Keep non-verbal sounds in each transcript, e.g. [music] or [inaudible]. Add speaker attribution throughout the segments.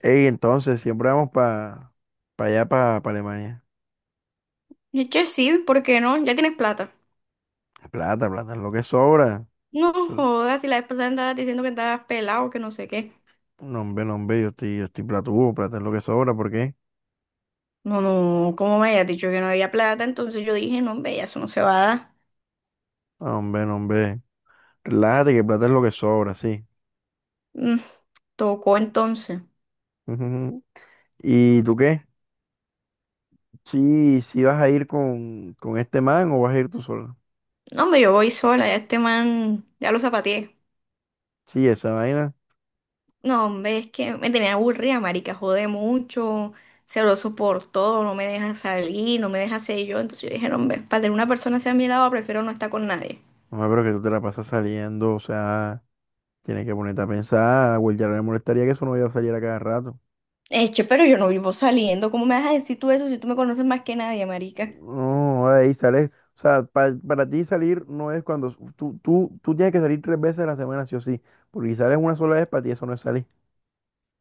Speaker 1: Ey, entonces, siempre vamos para allá, para Alemania.
Speaker 2: Eche sí, ¿por qué no? Ya tienes plata.
Speaker 1: Plata, plata es lo que sobra.
Speaker 2: No
Speaker 1: Eso-
Speaker 2: jodas, si la vez pasada andabas diciendo que estabas pelado, que no sé qué.
Speaker 1: No, hombre, no, hombre, yo estoy platudo, plata es lo que sobra, ¿por qué?
Speaker 2: No, no, como me habías dicho que no había plata, entonces yo dije, no, hombre, ya eso no se va a dar.
Speaker 1: No, hombre, no, hombre. Relájate que plata es lo que sobra, sí.
Speaker 2: Mm. Tocó entonces.
Speaker 1: [laughs] Ujú. ¿Y tú qué? Sí, sí vas a ir con este man o vas a ir tú sola.
Speaker 2: No, hombre, yo voy sola, ya este man, ya lo zapateé.
Speaker 1: Sí, esa vaina.
Speaker 2: No, hombre, es que me tenía aburrida, marica, jode mucho, se lo soportó, no me deja salir, no me deja ser yo. Entonces yo dije, no, hombre, para tener una persona hacia mi lado, prefiero no estar con nadie.
Speaker 1: No, pero que tú te la pasas saliendo, o sea, tienes que ponerte a pensar, güey, ya no le molestaría que eso no vaya a salir a cada rato.
Speaker 2: Eche, pero yo no vivo saliendo, ¿cómo me vas a decir tú eso si tú me conoces más que nadie, marica?
Speaker 1: No, ahí sales. O sea, para ti salir no es cuando tú tienes que salir 3 veces a la semana, sí o sí. Porque si sales una sola vez, para ti eso no es salir.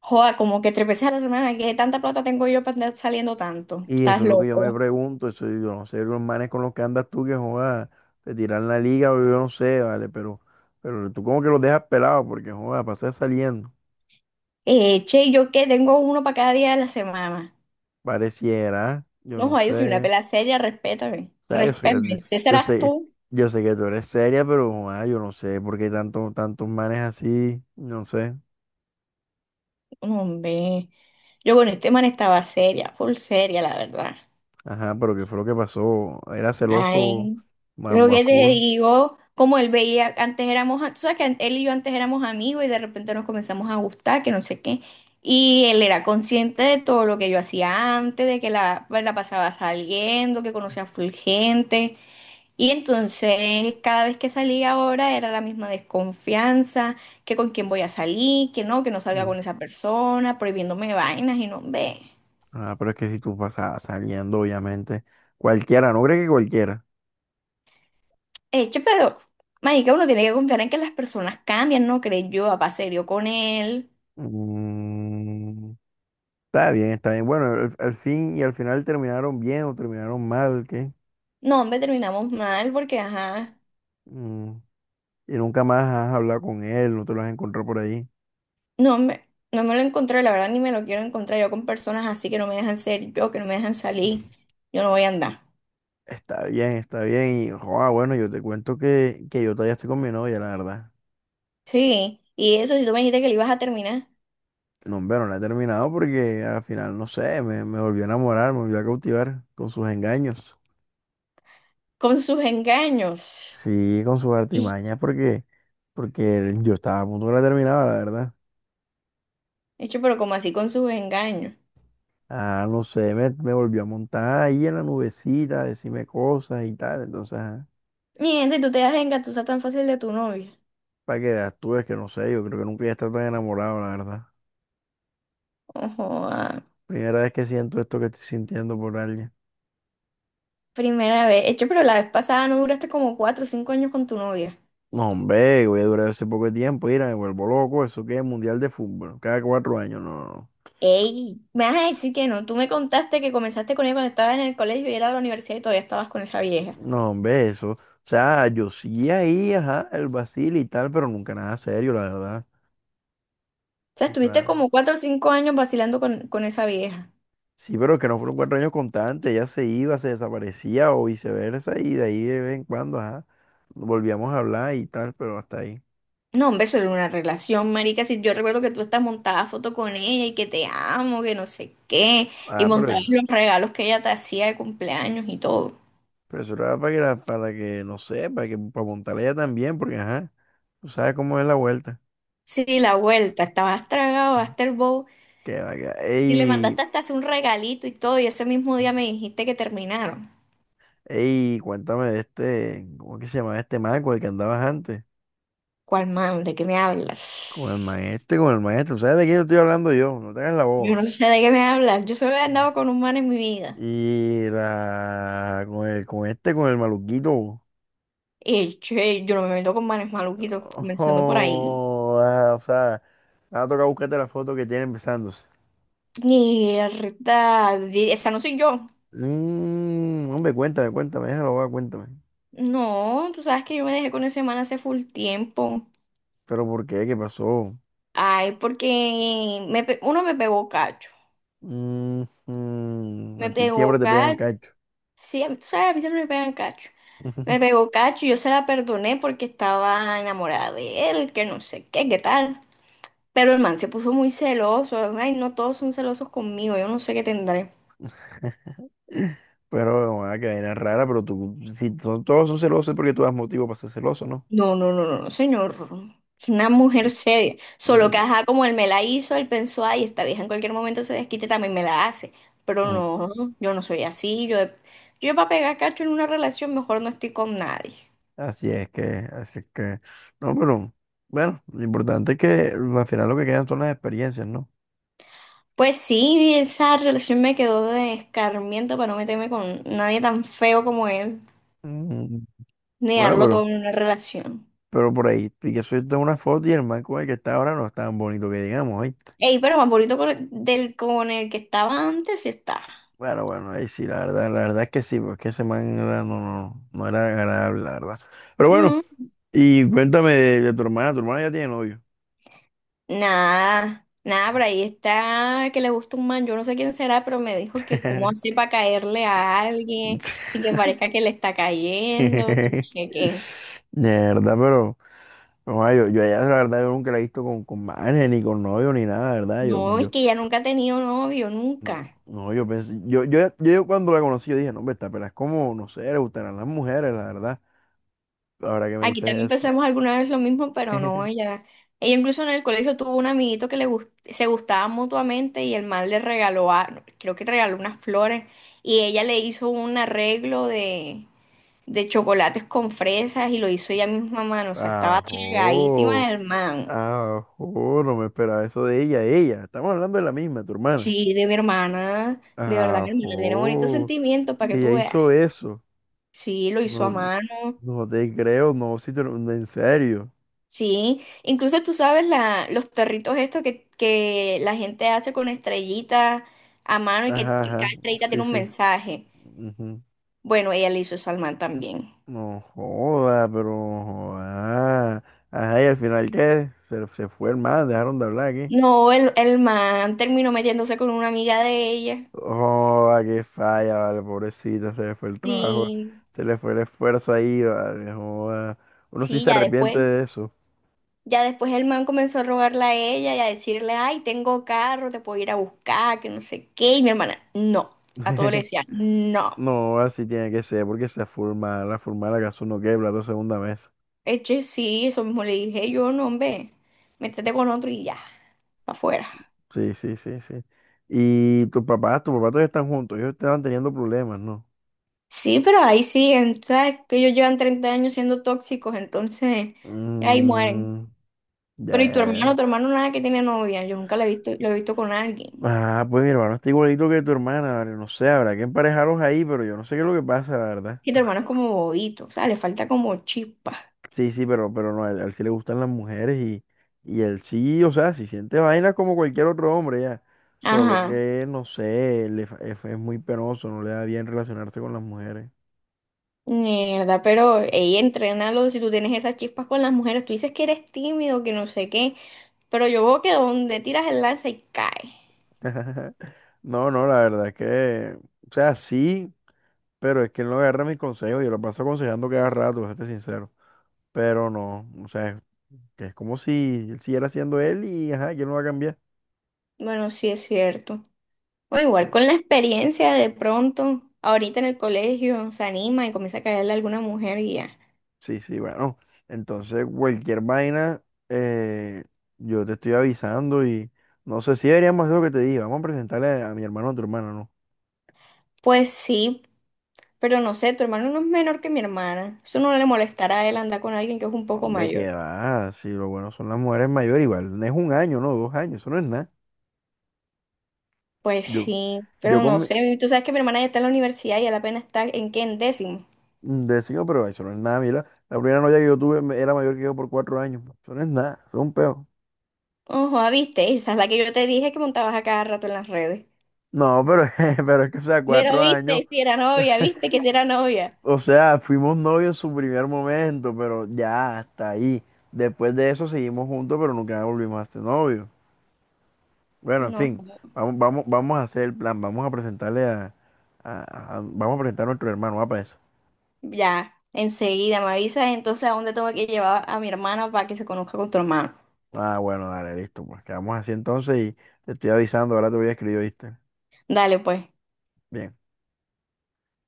Speaker 2: Joda, como que tres veces a la semana, qué tanta plata tengo yo para andar saliendo tanto.
Speaker 1: Y eso
Speaker 2: Estás
Speaker 1: es lo que yo me
Speaker 2: loco.
Speaker 1: pregunto. Eso, yo no sé, los manes con los que andas tú que joda, te tiran la liga o yo no sé, ¿vale? Pero tú como que los dejas pelados porque joda, pasas saliendo.
Speaker 2: Che, ¿yo qué? Tengo uno para cada día de la semana.
Speaker 1: Pareciera, yo
Speaker 2: No,
Speaker 1: no
Speaker 2: joda, yo soy una
Speaker 1: sé.
Speaker 2: pela seria, respétame.
Speaker 1: O sea,
Speaker 2: Respétame. Ese
Speaker 1: yo
Speaker 2: serás
Speaker 1: sé,
Speaker 2: tú.
Speaker 1: yo sé que tú eres seria, pero joda, yo no sé por qué tantos manes así, no sé.
Speaker 2: No, hombre. Yo con este man estaba seria, full seria, la verdad.
Speaker 1: Ajá, pero ¿qué fue lo que pasó? Era celoso
Speaker 2: Ay, lo
Speaker 1: más
Speaker 2: que te
Speaker 1: full.
Speaker 2: digo, como él veía, antes éramos, tú sabes que él y yo antes éramos amigos y de repente nos comenzamos a gustar, que no sé qué. Y él era consciente de todo lo que yo hacía antes, de que la, pues, la pasaba saliendo, que conocía full gente. Y entonces, cada vez que salía ahora era la misma desconfianza, que con quién voy a salir, que no salga
Speaker 1: Mm.
Speaker 2: con esa persona, prohibiéndome vainas y no, ve.
Speaker 1: Ajá, pero es que si tú pasas saliendo, obviamente, cualquiera, no crees que cualquiera.
Speaker 2: Hecho, pero, marica, uno tiene que confiar en que las personas cambian, ¿no crees? Yo, papá serio con él.
Speaker 1: Mm, está bien, está bien. Bueno, al fin y al final terminaron bien o terminaron mal, ¿qué?
Speaker 2: No, hombre, terminamos mal porque, ajá,
Speaker 1: Mm, y nunca más has hablado con él, no te lo has encontrado por ahí.
Speaker 2: no me lo encontré, la verdad, ni me lo quiero encontrar yo con personas así que no me dejan ser yo, que no me dejan salir. Yo no voy a andar.
Speaker 1: Está bien, está bien. Y joa, bueno, yo te cuento que yo todavía estoy con mi novia, la verdad.
Speaker 2: Sí, y eso, si tú me dijiste que le ibas a terminar
Speaker 1: No, hombre, no la he terminado porque al final, no sé, me volvió a enamorar, me volvió a cautivar con sus engaños.
Speaker 2: con sus engaños.
Speaker 1: Sí, con sus
Speaker 2: Y-
Speaker 1: artimañas, porque yo estaba a punto que la terminaba, la verdad.
Speaker 2: Hecho, pero como así con sus engaños.
Speaker 1: Ah, no sé, me volvió a montar ahí en la nubecita, a decirme cosas y tal. Entonces,
Speaker 2: Miente, tú te das engatusar tan fácil de tu novia.
Speaker 1: para que veas tú, es que no sé, yo creo que nunca he estado tan enamorado, la verdad.
Speaker 2: Ojo, ah,
Speaker 1: Primera vez que siento esto que estoy sintiendo por alguien.
Speaker 2: primera vez. Hecho, pero la vez pasada no duraste como 4 o 5 años con tu novia.
Speaker 1: No, hombre, voy a durar ese poco de tiempo, mira, me vuelvo loco, eso que es mundial de fútbol, cada 4 años, no. no, no.
Speaker 2: Ey, me vas a decir que no. Tú me contaste que comenzaste con ella cuando estabas en el colegio y era de la universidad y todavía estabas con esa vieja.
Speaker 1: No, hombre, eso. O sea, yo sí ahí, ajá, el vacil y tal, pero nunca nada serio, la verdad.
Speaker 2: O sea,
Speaker 1: Nunca
Speaker 2: estuviste
Speaker 1: nada.
Speaker 2: como 4 o 5 años vacilando con esa vieja.
Speaker 1: Sí, pero que no fueron 4 años constantes, ella se iba, se desaparecía o viceversa, y de ahí de vez en cuando, ajá, volvíamos a hablar y tal, pero hasta ahí.
Speaker 2: No, hombre, eso era una relación, marica. Si yo recuerdo que tú estás montada foto con ella y que te amo, que no sé qué, y
Speaker 1: Ah, pero
Speaker 2: montabas
Speaker 1: eso,
Speaker 2: los regalos que ella te hacía de cumpleaños y todo.
Speaker 1: pero eso era para que, para que, no sé, para que, para montarla ella también, porque ajá, tú sabes cómo es la vuelta.
Speaker 2: Sí, la vuelta, estabas tragado hasta el bowl
Speaker 1: Que, vaya,
Speaker 2: y le
Speaker 1: ey,
Speaker 2: mandaste hasta hacer un regalito y todo, y ese mismo día me dijiste que terminaron.
Speaker 1: ey, cuéntame de este, ¿cómo que se llama este man con el que andabas antes?
Speaker 2: ¿Cuál man? ¿De qué me
Speaker 1: Con el
Speaker 2: hablas?
Speaker 1: maestro, con el maestro. ¿Sabes de quién estoy hablando yo? No te hagas la
Speaker 2: Yo no
Speaker 1: boba.
Speaker 2: sé de qué me hablas. Yo solo he andado con un man en mi vida.
Speaker 1: Y la... Con el maluquito.
Speaker 2: Yo no me meto con manes maluquitos, comenzando por ahí.
Speaker 1: Ojo, ah, o sea, me va a tocar buscarte la foto que tiene empezándose.
Speaker 2: Mierda, esa no soy yo.
Speaker 1: Hombre, cuéntame, cuéntame, déjalo, va, cuéntame.
Speaker 2: No, tú sabes que yo me dejé con ese man hace full tiempo.
Speaker 1: Pero ¿por qué? ¿Qué pasó?
Speaker 2: Ay, porque uno me pegó cacho.
Speaker 1: Mm, mm,
Speaker 2: Me
Speaker 1: a ti siempre
Speaker 2: pegó
Speaker 1: te pegan
Speaker 2: cacho.
Speaker 1: cacho.
Speaker 2: Sí, tú sabes, a mí siempre me pegan cacho. Me pegó cacho y yo se la perdoné porque estaba enamorada de él, que no sé qué, qué tal. Pero el man se puso muy celoso. Ay, no todos son celosos conmigo. Yo no sé qué tendré.
Speaker 1: [laughs] Pero, ah, que vaina rara, pero tú, si son- todos son celosos es porque tú das motivo para ser celoso, ¿no?
Speaker 2: No, no, no, no, no, señor. Es una mujer
Speaker 1: Sí.
Speaker 2: seria. Solo
Speaker 1: No,
Speaker 2: que,
Speaker 1: pero-
Speaker 2: ajá, como él me la hizo, él pensó, ay, esta vieja en cualquier momento se desquite, también me la hace. Pero no, yo no soy así. Yo para pegar cacho en una relación, mejor no estoy con nadie.
Speaker 1: Así es que, no, pero bueno, lo importante es que al final lo que quedan son las experiencias, ¿no?
Speaker 2: Pues sí, esa relación me quedó de escarmiento para no meterme con nadie tan feo como él,
Speaker 1: Mm,
Speaker 2: ni
Speaker 1: Bueno
Speaker 2: darlo
Speaker 1: pero,
Speaker 2: todo en una relación.
Speaker 1: pero por ahí, y que soy una foto y el man con el que está ahora no es tan bonito que digamos, ¿oíste?
Speaker 2: Ey, pero más bonito con el que estaba antes sí está.
Speaker 1: Bueno, bueno, ahí sí, la verdad es que sí, porque ese man no, no, no era agradable, la verdad. Pero bueno,
Speaker 2: Mm,
Speaker 1: y cuéntame de tu hermana ya tiene novio.
Speaker 2: nada, nada, por ahí está que le gusta un man, yo no sé quién será, pero me dijo que cómo
Speaker 1: [laughs]
Speaker 2: hace para caerle a alguien sin que parezca que le está cayendo, que no
Speaker 1: De
Speaker 2: sé qué.
Speaker 1: verdad, pero. No, yo a ella, la verdad, yo nunca la he visto con manes, ni con novio, ni nada, la verdad.
Speaker 2: No, es que ella nunca ha tenido novio,
Speaker 1: No,
Speaker 2: nunca.
Speaker 1: no, yo pensé, yo cuando la conocí, yo dije, no, hombre, esta pela es como, no sé, le gustarán las mujeres, la verdad. Ahora que me
Speaker 2: Aquí también
Speaker 1: dices eso.
Speaker 2: pensamos alguna vez lo mismo, pero no,
Speaker 1: [laughs]
Speaker 2: ella incluso en el colegio tuvo un amiguito que se gustaban mutuamente y el man le regaló, creo que regaló unas flores y ella le hizo un arreglo de chocolates con fresas y lo hizo ella misma a mano. O sea, estaba
Speaker 1: Ajo,
Speaker 2: tragadísima el man.
Speaker 1: ajo, no me esperaba eso de ella. Estamos hablando de la misma, tu hermana.
Speaker 2: Sí, de mi hermana. De verdad, mi hermana tiene bonitos
Speaker 1: Ajo,
Speaker 2: sentimientos para que
Speaker 1: ella
Speaker 2: tú veas.
Speaker 1: hizo eso.
Speaker 2: Sí, lo hizo a
Speaker 1: No,
Speaker 2: mano.
Speaker 1: no te creo, no, si te lo- en serio.
Speaker 2: Sí, incluso tú sabes la, los territos estos que la gente hace con estrellitas a mano y que,
Speaker 1: Ajá,
Speaker 2: que cada
Speaker 1: ajá,
Speaker 2: estrellita tiene
Speaker 1: sí,
Speaker 2: un
Speaker 1: sí.
Speaker 2: mensaje. Bueno, ella le hizo eso al man también.
Speaker 1: No joda, pero joda. Ajá, ¿y al final qué? Se fue el man, dejaron de hablar aquí.
Speaker 2: No, el man terminó metiéndose con una amiga de ella.
Speaker 1: Joda, qué falla, vale, pobrecita, se le fue el trabajo,
Speaker 2: Sí,
Speaker 1: se le fue el esfuerzo ahí, vale, joda. Uno sí
Speaker 2: sí,
Speaker 1: se
Speaker 2: ya
Speaker 1: arrepiente
Speaker 2: después.
Speaker 1: de eso.
Speaker 2: Ya después el man comenzó a rogarle a ella y a decirle, ay, tengo carro, te puedo ir a buscar, que no sé qué. Y mi hermana, no. A todo le
Speaker 1: [laughs]
Speaker 2: decía, no.
Speaker 1: No, así tiene que ser, porque se forma la casa uno quebra la segunda vez.
Speaker 2: Eche, sí, eso mismo le dije yo, no, hombre, métete con otro y ya, para afuera.
Speaker 1: Sí, sí, sí, sí. Y tus papás todavía están juntos, ellos estaban teniendo problemas, ¿no?
Speaker 2: Sí, pero ahí siguen, ¿sabes? Que ellos llevan 30 años siendo tóxicos, entonces ahí mueren.
Speaker 1: Mm, ya,
Speaker 2: Pero ¿y
Speaker 1: ya,
Speaker 2: tu hermano?
Speaker 1: ya.
Speaker 2: Tu hermano nada que tiene novia, yo nunca lo he visto, lo he visto con alguien.
Speaker 1: Ah, pues mi hermano está igualito que tu hermana, vale, no sé, habrá que emparejaros ahí, pero yo no sé qué es lo que pasa, la verdad.
Speaker 2: Y tu hermano es como bobito, o sea, le falta como chispa.
Speaker 1: Sí, sí, pero no, a él sí le gustan las mujeres y él sí, o sea, si siente vainas como cualquier otro hombre ya. Solo
Speaker 2: Ajá.
Speaker 1: que, no sé, es muy penoso, no le da bien relacionarse con las mujeres.
Speaker 2: Mierda, pero ella entrénalo, si tú tienes esas chispas con las mujeres, tú dices que eres tímido, que no sé qué, pero yo veo que donde tiras el lance y cae.
Speaker 1: [laughs] No, no, la verdad es que, o sea, sí, pero es que él no agarra mis consejos, yo lo paso aconsejando cada rato, para serte sincero. Pero no, o sea, que es como si él siguiera siendo él y, ajá, que él no va a cambiar.
Speaker 2: Bueno, sí es cierto. O
Speaker 1: Sí,
Speaker 2: igual con la experiencia de pronto, ahorita en el colegio se anima y comienza a caerle a alguna mujer y ya.
Speaker 1: sí, sí, bueno. Entonces, cualquier vaina, eh, yo te estoy avisando y no sé si deberíamos hacer lo que te dije. Vamos a presentarle a mi hermano o a tu hermana, ¿no?
Speaker 2: Pues sí, pero no sé, tu hermano no es menor que mi hermana. Eso no le molestará a él andar con alguien que es un poco
Speaker 1: Hombre,
Speaker 2: mayor.
Speaker 1: que va, si lo bueno son las mujeres mayores, igual, no es un año, no, 2 años, eso no es nada.
Speaker 2: Pues
Speaker 1: Yo,
Speaker 2: sí,
Speaker 1: yo
Speaker 2: pero no sé, tú sabes que mi hermana ya está en la universidad y él apenas está en qué, en décimo.
Speaker 1: decido, pero eso no es nada, mira, la primera novia que yo tuve era mayor que yo por 4 años, eso no es nada, eso es un peo.
Speaker 2: Ojo, ah, viste, esa es la que yo te dije que montabas a cada rato en las redes.
Speaker 1: No, pero, [laughs] pero es que, o sea,
Speaker 2: Pero
Speaker 1: 4 años.
Speaker 2: viste, si era novia, viste que si era novia.
Speaker 1: O sea, fuimos novios en su primer momento, pero ya hasta ahí. Después de eso seguimos juntos, pero nunca volvimos a ser novios. Bueno, en
Speaker 2: No,
Speaker 1: fin, vamos, vamos, vamos a hacer el plan, vamos a presentarle a, vamos a presentar a nuestro hermano, ¿va para eso?
Speaker 2: ya, enseguida me avisas entonces a dónde tengo que llevar a mi hermana para que se conozca con tu hermano.
Speaker 1: Ah, bueno, dale, listo, pues quedamos así entonces y te estoy avisando, ahora te voy a escribir, ¿viste?
Speaker 2: Dale, pues.
Speaker 1: Bien.